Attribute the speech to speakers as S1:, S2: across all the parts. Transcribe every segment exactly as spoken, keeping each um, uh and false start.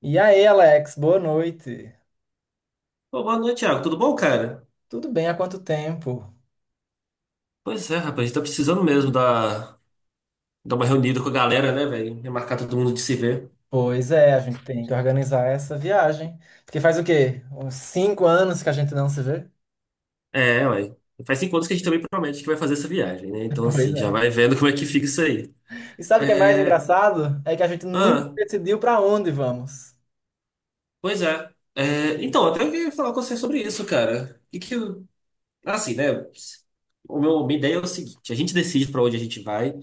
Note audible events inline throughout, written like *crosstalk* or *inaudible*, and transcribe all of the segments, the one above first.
S1: E aí, Alex, boa noite.
S2: Pô, boa noite, Thiago. Tudo bom, cara?
S1: Tudo bem? Há quanto tempo?
S2: Pois é, rapaz, a gente tá precisando mesmo dar, dar uma reunida com a galera, né, velho? Remarcar todo mundo de se ver.
S1: Pois é, a gente tem que organizar essa viagem. Porque faz o quê? Uns cinco anos que a gente não se vê?
S2: É, ué. Faz cinco anos que a gente também promete que vai fazer essa viagem, né?
S1: *laughs*
S2: Então,
S1: Pois
S2: assim, já
S1: é.
S2: vai vendo como é que fica isso aí.
S1: E sabe o que é mais
S2: É.
S1: engraçado? É que a gente nunca
S2: Ah,
S1: decidiu para onde vamos,
S2: pois é. É, então, até eu queria falar com você sobre isso, cara. E que, assim, né? O meu, minha ideia é o seguinte: a gente decide pra onde a gente vai,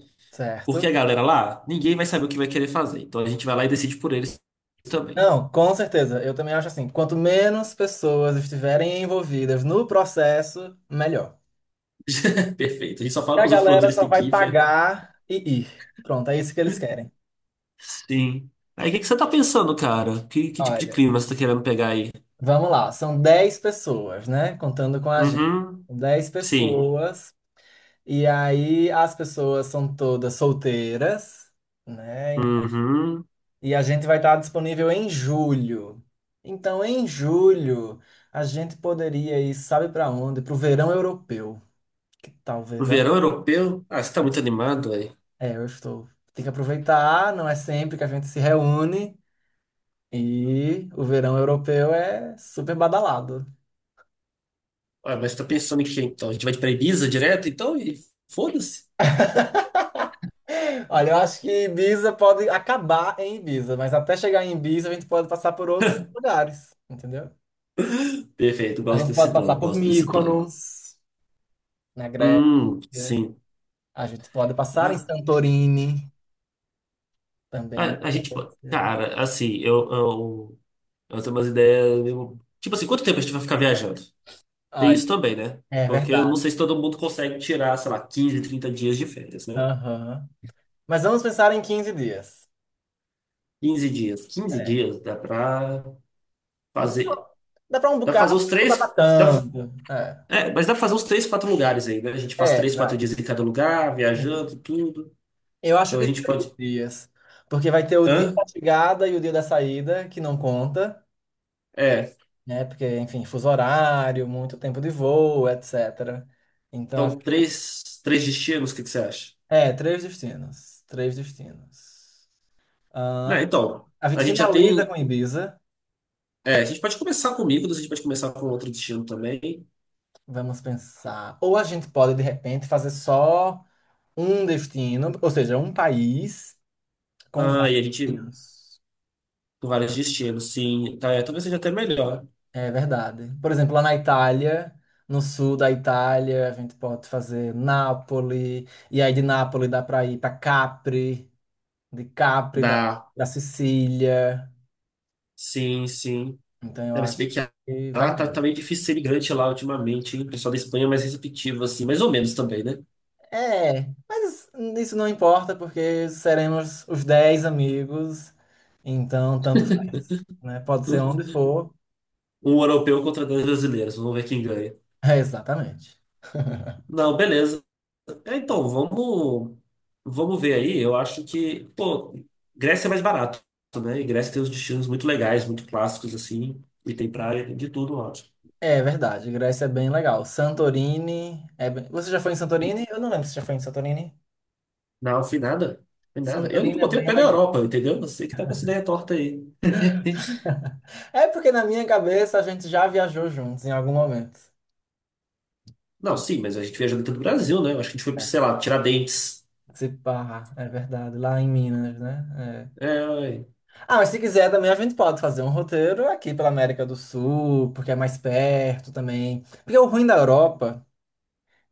S2: porque a
S1: certo?
S2: galera lá, ninguém vai saber o que vai querer fazer. Então, a gente vai lá e decide por eles também.
S1: Não, com certeza. Eu também acho assim, quanto menos pessoas estiverem envolvidas no processo, melhor.
S2: *laughs* Perfeito. A gente só
S1: E
S2: fala
S1: a
S2: pros outros pra onde
S1: galera
S2: eles
S1: só
S2: têm
S1: vai
S2: que ir, Fer.
S1: pagar e ir. Pronto, é isso que eles querem.
S2: Sim. Aí, o que que você tá pensando, cara? Que, que tipo de
S1: Olha.
S2: clima você tá querendo pegar aí?
S1: Vamos lá, são dez pessoas, né? Contando com a gente.
S2: Uhum.
S1: dez
S2: Sim.
S1: pessoas. E aí as pessoas são todas solteiras, né?
S2: Uhum.
S1: E a gente vai estar disponível em julho. Então, em julho, a gente poderia ir, sabe para onde? Para o verão europeu. Que tal o
S2: No
S1: verão?
S2: verão europeu? Ah, você tá muito animado, velho.
S1: É, eu estou. Tem que aproveitar, não é sempre que a gente se reúne. E o verão europeu é super badalado.
S2: Ah, mas você tá pensando em quê, então? A gente vai pra Ibiza direto, então? E foda-se.
S1: Olha, eu acho que Ibiza pode acabar em Ibiza, mas até chegar em Ibiza a gente pode passar por outros lugares, entendeu?
S2: Perfeito,
S1: A
S2: gosto
S1: gente
S2: desse
S1: pode passar
S2: plano,
S1: por
S2: gosto desse plano.
S1: Mykonos, na Grécia.
S2: Hum, sim.
S1: A gente pode passar em
S2: Ah,
S1: Santorini
S2: a,
S1: também,
S2: a
S1: na
S2: gente, pô,
S1: Grécia.
S2: cara, assim, eu, eu, eu tenho umas ideias. meio- Tipo assim, quanto tempo a gente vai ficar viajando? Tem
S1: Olha,
S2: isso também, né?
S1: é
S2: Porque eu não
S1: verdade.
S2: sei se todo mundo consegue tirar, sei lá, quinze trinta dias de férias, né?
S1: Aham. Mas vamos pensar em quinze dias.
S2: Quinze dias. quinze
S1: É.
S2: dias dá pra fazer.
S1: Dá pra um
S2: Dá pra
S1: bocado,
S2: fazer os
S1: mas não dá pra
S2: três. Dá,
S1: tanto. É,
S2: é, mas dá pra fazer os três, quatro lugares aí, né? A gente passa
S1: é,
S2: três, quatro
S1: vai.
S2: dias em cada lugar,
S1: Entendi.
S2: viajando, tudo.
S1: Eu acho
S2: Então a
S1: que
S2: gente
S1: três
S2: pode.
S1: dias. Porque vai ter o dia
S2: Hã?
S1: da chegada e o dia da saída, que não conta,
S2: É.
S1: né? Porque, enfim, fuso horário, muito tempo de voo, et cetera. Então, a-
S2: Então, três, três destinos, o que que você acha?
S1: é, três destinos. Três destinos.
S2: Né,
S1: Ah,
S2: então,
S1: a
S2: a
S1: gente
S2: gente já
S1: finaliza
S2: tem.
S1: com Ibiza,
S2: É, a gente pode começar com Mykonos, a gente pode começar com outro destino também.
S1: vamos pensar. Ou a gente pode, de repente, fazer só um destino, ou seja, um país com
S2: Ah,
S1: vários
S2: e a gente.
S1: destinos.
S2: Com vários destinos, sim. Tá, é, talvez seja até melhor.
S1: É verdade. Por exemplo, lá na Itália. No sul da Itália, a gente pode fazer Nápoles, e aí de Nápoles dá para ir para Capri, de Capri, da,
S2: Dá.
S1: da Sicília.
S2: Sim, sim.
S1: Então eu
S2: É, mas se
S1: acho
S2: bem que ah,
S1: que vai
S2: tá, tá
S1: nessa.
S2: meio difícil ser imigrante lá ultimamente, hein? O pessoal da Espanha é mais receptivo, assim, mais ou menos também, né?
S1: É, mas isso não importa porque seremos os dez amigos, então tanto faz, né? Pode ser onde for. *laughs*
S2: Um europeu contra dois brasileiros, vamos ver quem ganha.
S1: É, exatamente.
S2: Não, beleza. É, então, vamos, vamos ver aí. Eu acho que, pô, Grécia é mais barato, né? E Grécia tem uns destinos muito legais, muito clássicos, assim, e tem praia, tem de tudo lá.
S1: É verdade, Grécia é bem legal. Santorini é bem. Você já foi em Santorini? Eu não lembro se já foi em Santorini.
S2: Não, fui nada. Fui nada. Eu nunca
S1: Santorini é
S2: botei o
S1: bem
S2: pé na
S1: legal.
S2: Europa, entendeu? Você que tá com essa ideia torta aí.
S1: É porque na minha cabeça a gente já viajou juntos em algum momento.
S2: Não, sim, mas a gente viajou dentro do Brasil, né? Eu acho que a gente foi, pra, sei lá, Tiradentes.
S1: Se pá, é verdade, lá em Minas, né? É.
S2: É,
S1: Ah, mas se quiser também a gente pode fazer um roteiro aqui pela América do Sul, porque é mais perto também. Porque o ruim da Europa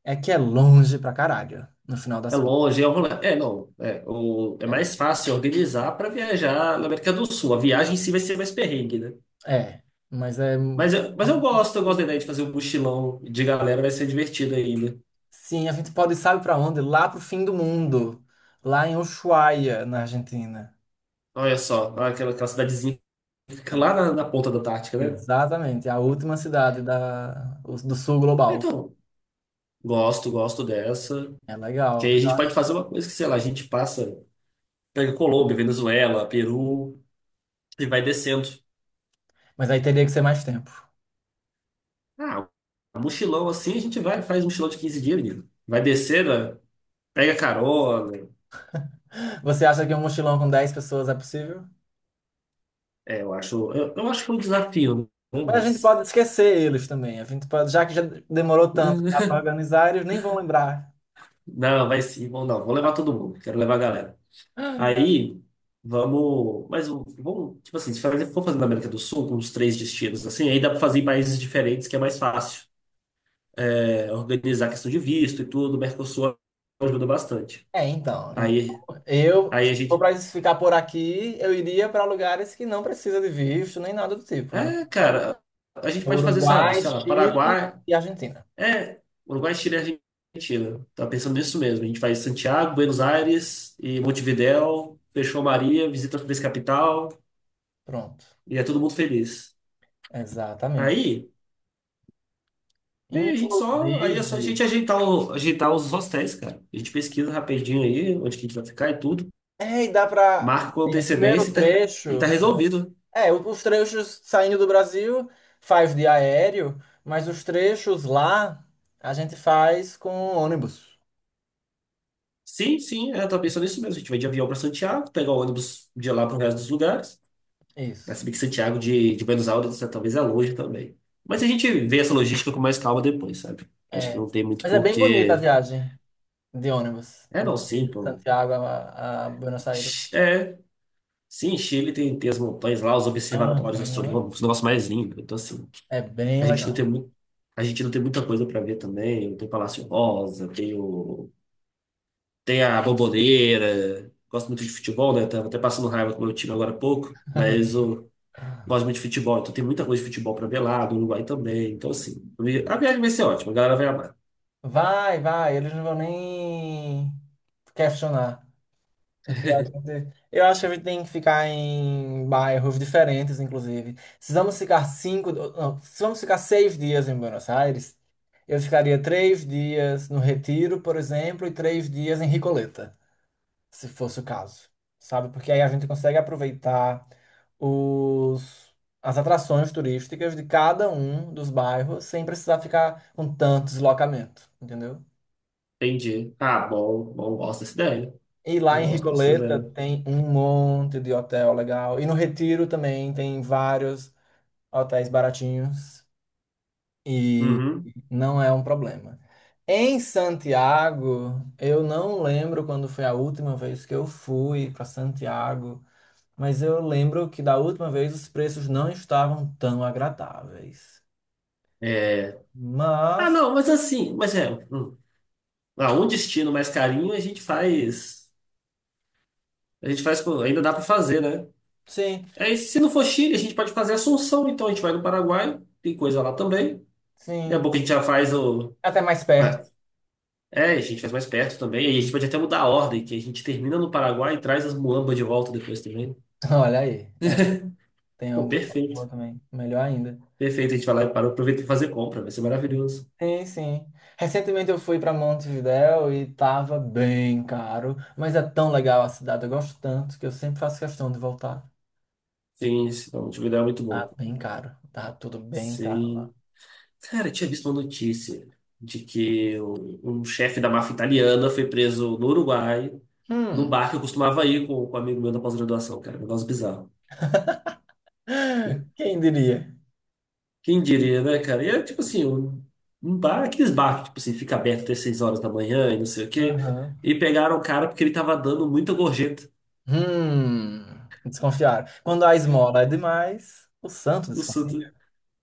S1: é que é longe pra caralho, no final
S2: é
S1: das contas.
S2: longe, é, um rolê. É não, é, o, é
S1: É, o-
S2: mais fácil organizar para viajar na América do Sul. A viagem em si vai ser mais perrengue, né?
S1: é, mas é. Um.
S2: Mas eu, mas eu gosto, eu gosto da ideia de fazer um mochilão de galera, vai ser divertido ainda.
S1: Sim, a gente pode ir, sabe pra onde? Lá pro fim do mundo, lá em Ushuaia, na Argentina.
S2: Olha só, aquela, aquela cidadezinha que fica
S1: É,
S2: lá na, na ponta da Antártica, né?
S1: exatamente, a última cidade da, o- do sul
S2: Ah,
S1: global.
S2: então, gosto, gosto dessa.
S1: É
S2: Que
S1: legal.
S2: aí a gente pode fazer uma coisa que, sei lá, a gente passa, pega Colômbia, Venezuela, Peru e vai descendo.
S1: Mas aí teria que ser mais tempo.
S2: Ah, mochilão assim, a gente vai, faz um mochilão de quinze dias, menino. Vai descendo. Pega a Carola.
S1: Você acha que um mochilão com dez pessoas é possível?
S2: É, eu acho, eu, eu acho que é um desafio, né?
S1: Mas a gente
S2: Mas.
S1: pode esquecer eles também. A gente pode, já que já demorou tanto para
S2: *laughs*
S1: organizar, eles nem vão lembrar.
S2: Não, vai sim, vamos não. Vou levar todo mundo. Quero levar a galera. Aí, vamos. Mas vamos, tipo assim, se fazer- for fazer na América do Sul, com uns três destinos, assim, aí dá pra fazer em países diferentes, que é mais fácil. É, organizar a questão de visto e tudo, o Mercosul ajuda bastante.
S1: É, então. en-
S2: Aí,
S1: Eu,
S2: aí
S1: se
S2: a
S1: for
S2: gente.
S1: para ficar por aqui, eu iria para lugares que não precisa de visto nem nada do tipo, né?
S2: É,
S1: Então, pode-
S2: cara, a gente pode fazer, sabe,
S1: Uruguai,
S2: sei lá,
S1: Chile
S2: Paraguai.
S1: e Argentina.
S2: É, Uruguai, Chile e Argentina. Tava pensando nisso mesmo. A gente faz Santiago, Buenos Aires e Montevidéu, fechou Maria, visita as três capital
S1: Pronto.
S2: e é todo mundo feliz.
S1: Exatamente.
S2: Aí, aí a gente só, aí é só a gente
S1: Inclusive,
S2: ajeitar, o- ajeitar os hostéis, cara. A gente pesquisa rapidinho aí onde que a gente vai ficar e tudo,
S1: é, e dá para.
S2: marca com
S1: O primeiro
S2: antecedência e tá, e tá
S1: trecho.
S2: resolvido.
S1: É, o- os trechos saindo do Brasil faz de aéreo, mas os trechos lá a gente faz com ônibus.
S2: Sim, sim, eu tava pensando nisso mesmo. A gente vai de avião para Santiago, pegar o ônibus de lá para o resto dos lugares. Ah, se
S1: Isso.
S2: bem que Santiago de, de Buenos Aires né, talvez é longe também. Mas a gente vê essa logística com mais calma depois, sabe? Acho que
S1: É.
S2: não tem muito
S1: Mas é bem bonita a
S2: porquê.
S1: viagem de ônibus,
S2: É, não, sim,
S1: de
S2: pô.
S1: Santiago a, a Buenos Aires.
S2: É. Sim, Chile tem, tem as montanhas lá, os observatórios
S1: Aham.
S2: astronômicos, o negócio mais lindo. Então, assim,
S1: É bem
S2: a gente não tem
S1: legal.
S2: muito, a gente não tem muita coisa para ver também. Tem Palácio Rosa, tem o, tem a Bombonera. Gosto muito de futebol, né? Tava até passando raiva com o meu time agora há pouco. Mas o Gosto muito de futebol, então tem muita coisa de futebol pra ver lá, do Uruguai também. Então, assim, a viagem vai ser ótima, a galera vai amar.
S1: Vai, vai, eles não vão nem questionar. Aqui a gente- eu acho que a gente tem que ficar em bairros diferentes, inclusive. Se vamos ficar cinco, não, se vamos ficar seis dias em Buenos Aires, eu ficaria três dias no Retiro, por exemplo, e três dias em Ricoleta, se fosse o caso, sabe? Porque aí a gente consegue aproveitar os, as atrações turísticas de cada um dos bairros sem precisar ficar com tanto deslocamento, entendeu?
S2: Entendi. Ah, bom, bom, gosto dessa ideia.
S1: E lá em
S2: Gosto dessa
S1: Ricoleta
S2: ideia.
S1: tem um monte de hotel legal. E no Retiro também tem vários hotéis baratinhos e
S2: Uhum.
S1: não é um problema. Em Santiago, eu não lembro quando foi a última vez que eu fui para Santiago, mas eu lembro que da última vez os preços não estavam tão agradáveis.
S2: É. Ah,
S1: Mas,
S2: não, mas assim, mas é. Hum. Ah, um destino mais carinho a gente faz. A gente faz. com- Ainda dá pra fazer, né?
S1: sim,
S2: Aí, se não for Chile, a gente pode fazer Assunção, então a gente vai no Paraguai, tem coisa lá também. Daqui a
S1: sim.
S2: pouco a gente já faz o.
S1: Até mais perto.
S2: mas- É, a gente faz mais perto também. E a gente pode até mudar a ordem, que a gente termina no Paraguai e traz as muambas de volta depois também, né?
S1: *laughs* Olha aí. É, tem
S2: Pô,
S1: uma boa
S2: perfeito.
S1: também. Melhor ainda.
S2: Perfeito. A gente vai lá e para, aproveita e fazer compra. Vai ser maravilhoso.
S1: Sim, sim. Recentemente eu fui para Montevidéu e tava bem caro, mas é tão legal a cidade, eu gosto tanto que eu sempre faço questão de voltar.
S2: Sim, sim. Não, tive uma ideia muito
S1: Tá
S2: bom.
S1: bem caro, tá tudo bem caro lá.
S2: Sim. Cara, eu tinha visto uma notícia de que um, um chefe da máfia italiana foi preso no Uruguai, num
S1: Hum,
S2: bar que eu costumava ir com, com um amigo meu da pós-graduação, cara. Um negócio bizarro.
S1: quem diria?
S2: Quem diria, né, cara? E é tipo assim, um, um bar, aqueles bar que tipo assim, fica aberto até seis horas da manhã e não sei o quê.
S1: Aham.
S2: E pegaram o cara porque ele tava dando muita gorjeta.
S1: Hum, Desconfiar. Quando a esmola é demais, o santo desconfia.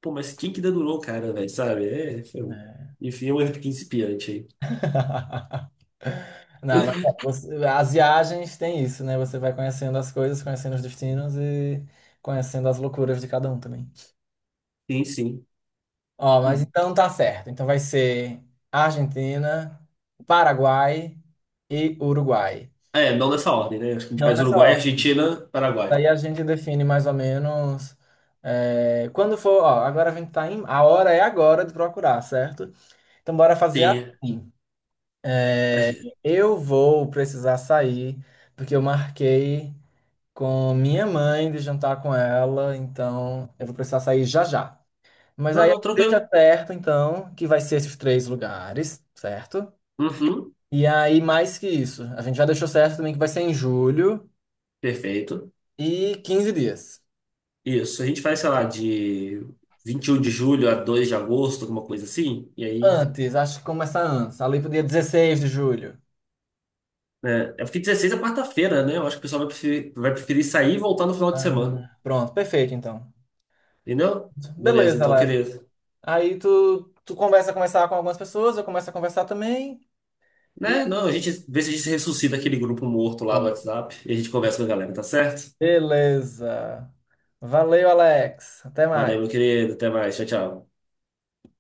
S2: Pô, mas quem que dedurou o cara, velho, sabe? É, foi- um,
S1: É.
S2: enfim, é um erro principiante aí.
S1: *laughs* Não, mas
S2: *laughs*
S1: é, você- as viagens têm isso, né? Você vai conhecendo as coisas, conhecendo os destinos e conhecendo as loucuras de cada um também.
S2: Sim, sim.
S1: Ó, mas
S2: Hum.
S1: então tá certo. Então vai ser Argentina, Paraguai e Uruguai.
S2: É, não nessa ordem, né? Acho que a gente
S1: Não
S2: faz
S1: nessa
S2: Uruguai,
S1: ordem.
S2: Argentina, Paraguai.
S1: Daí a gente define mais ou menos. É, quando for, ó, agora a gente tá em. A hora é agora de procurar, certo? Então bora fazer
S2: Tem.
S1: assim.
S2: a
S1: É,
S2: gen-
S1: eu vou precisar sair, porque eu marquei com minha mãe de jantar com ela, então eu vou precisar sair já já. Mas
S2: Não,
S1: aí
S2: não,
S1: deixa
S2: tranquilo.
S1: certo, então, que vai ser esses três lugares, certo?
S2: Uhum,
S1: E aí, mais que isso, a gente já deixou certo também que vai ser em julho
S2: perfeito.
S1: e quinze dias.
S2: Isso, a gente faz, sei lá, de vinte e um de julho a dois de agosto, alguma coisa assim. E aí.
S1: Antes, acho que começa antes, ali pro dia dezesseis de julho.
S2: Né? É porque dezesseis é quarta-feira, né? Eu acho que o pessoal vai preferir, vai preferir sair e voltar no final de semana.
S1: Ah, pronto, perfeito, então.
S2: Entendeu? Beleza,
S1: Beleza,
S2: então,
S1: Alex.
S2: querido.
S1: Aí tu, tu conversa, conversar com algumas pessoas, eu começo a conversar também. E é
S2: Né? Não, a gente vê se a gente ressuscita aquele grupo morto lá do
S1: pronto.
S2: WhatsApp e a gente conversa com a galera, tá certo?
S1: Beleza. Valeu, Alex. Até
S2: Valeu, meu
S1: mais.
S2: querido. Até mais. Tchau, tchau.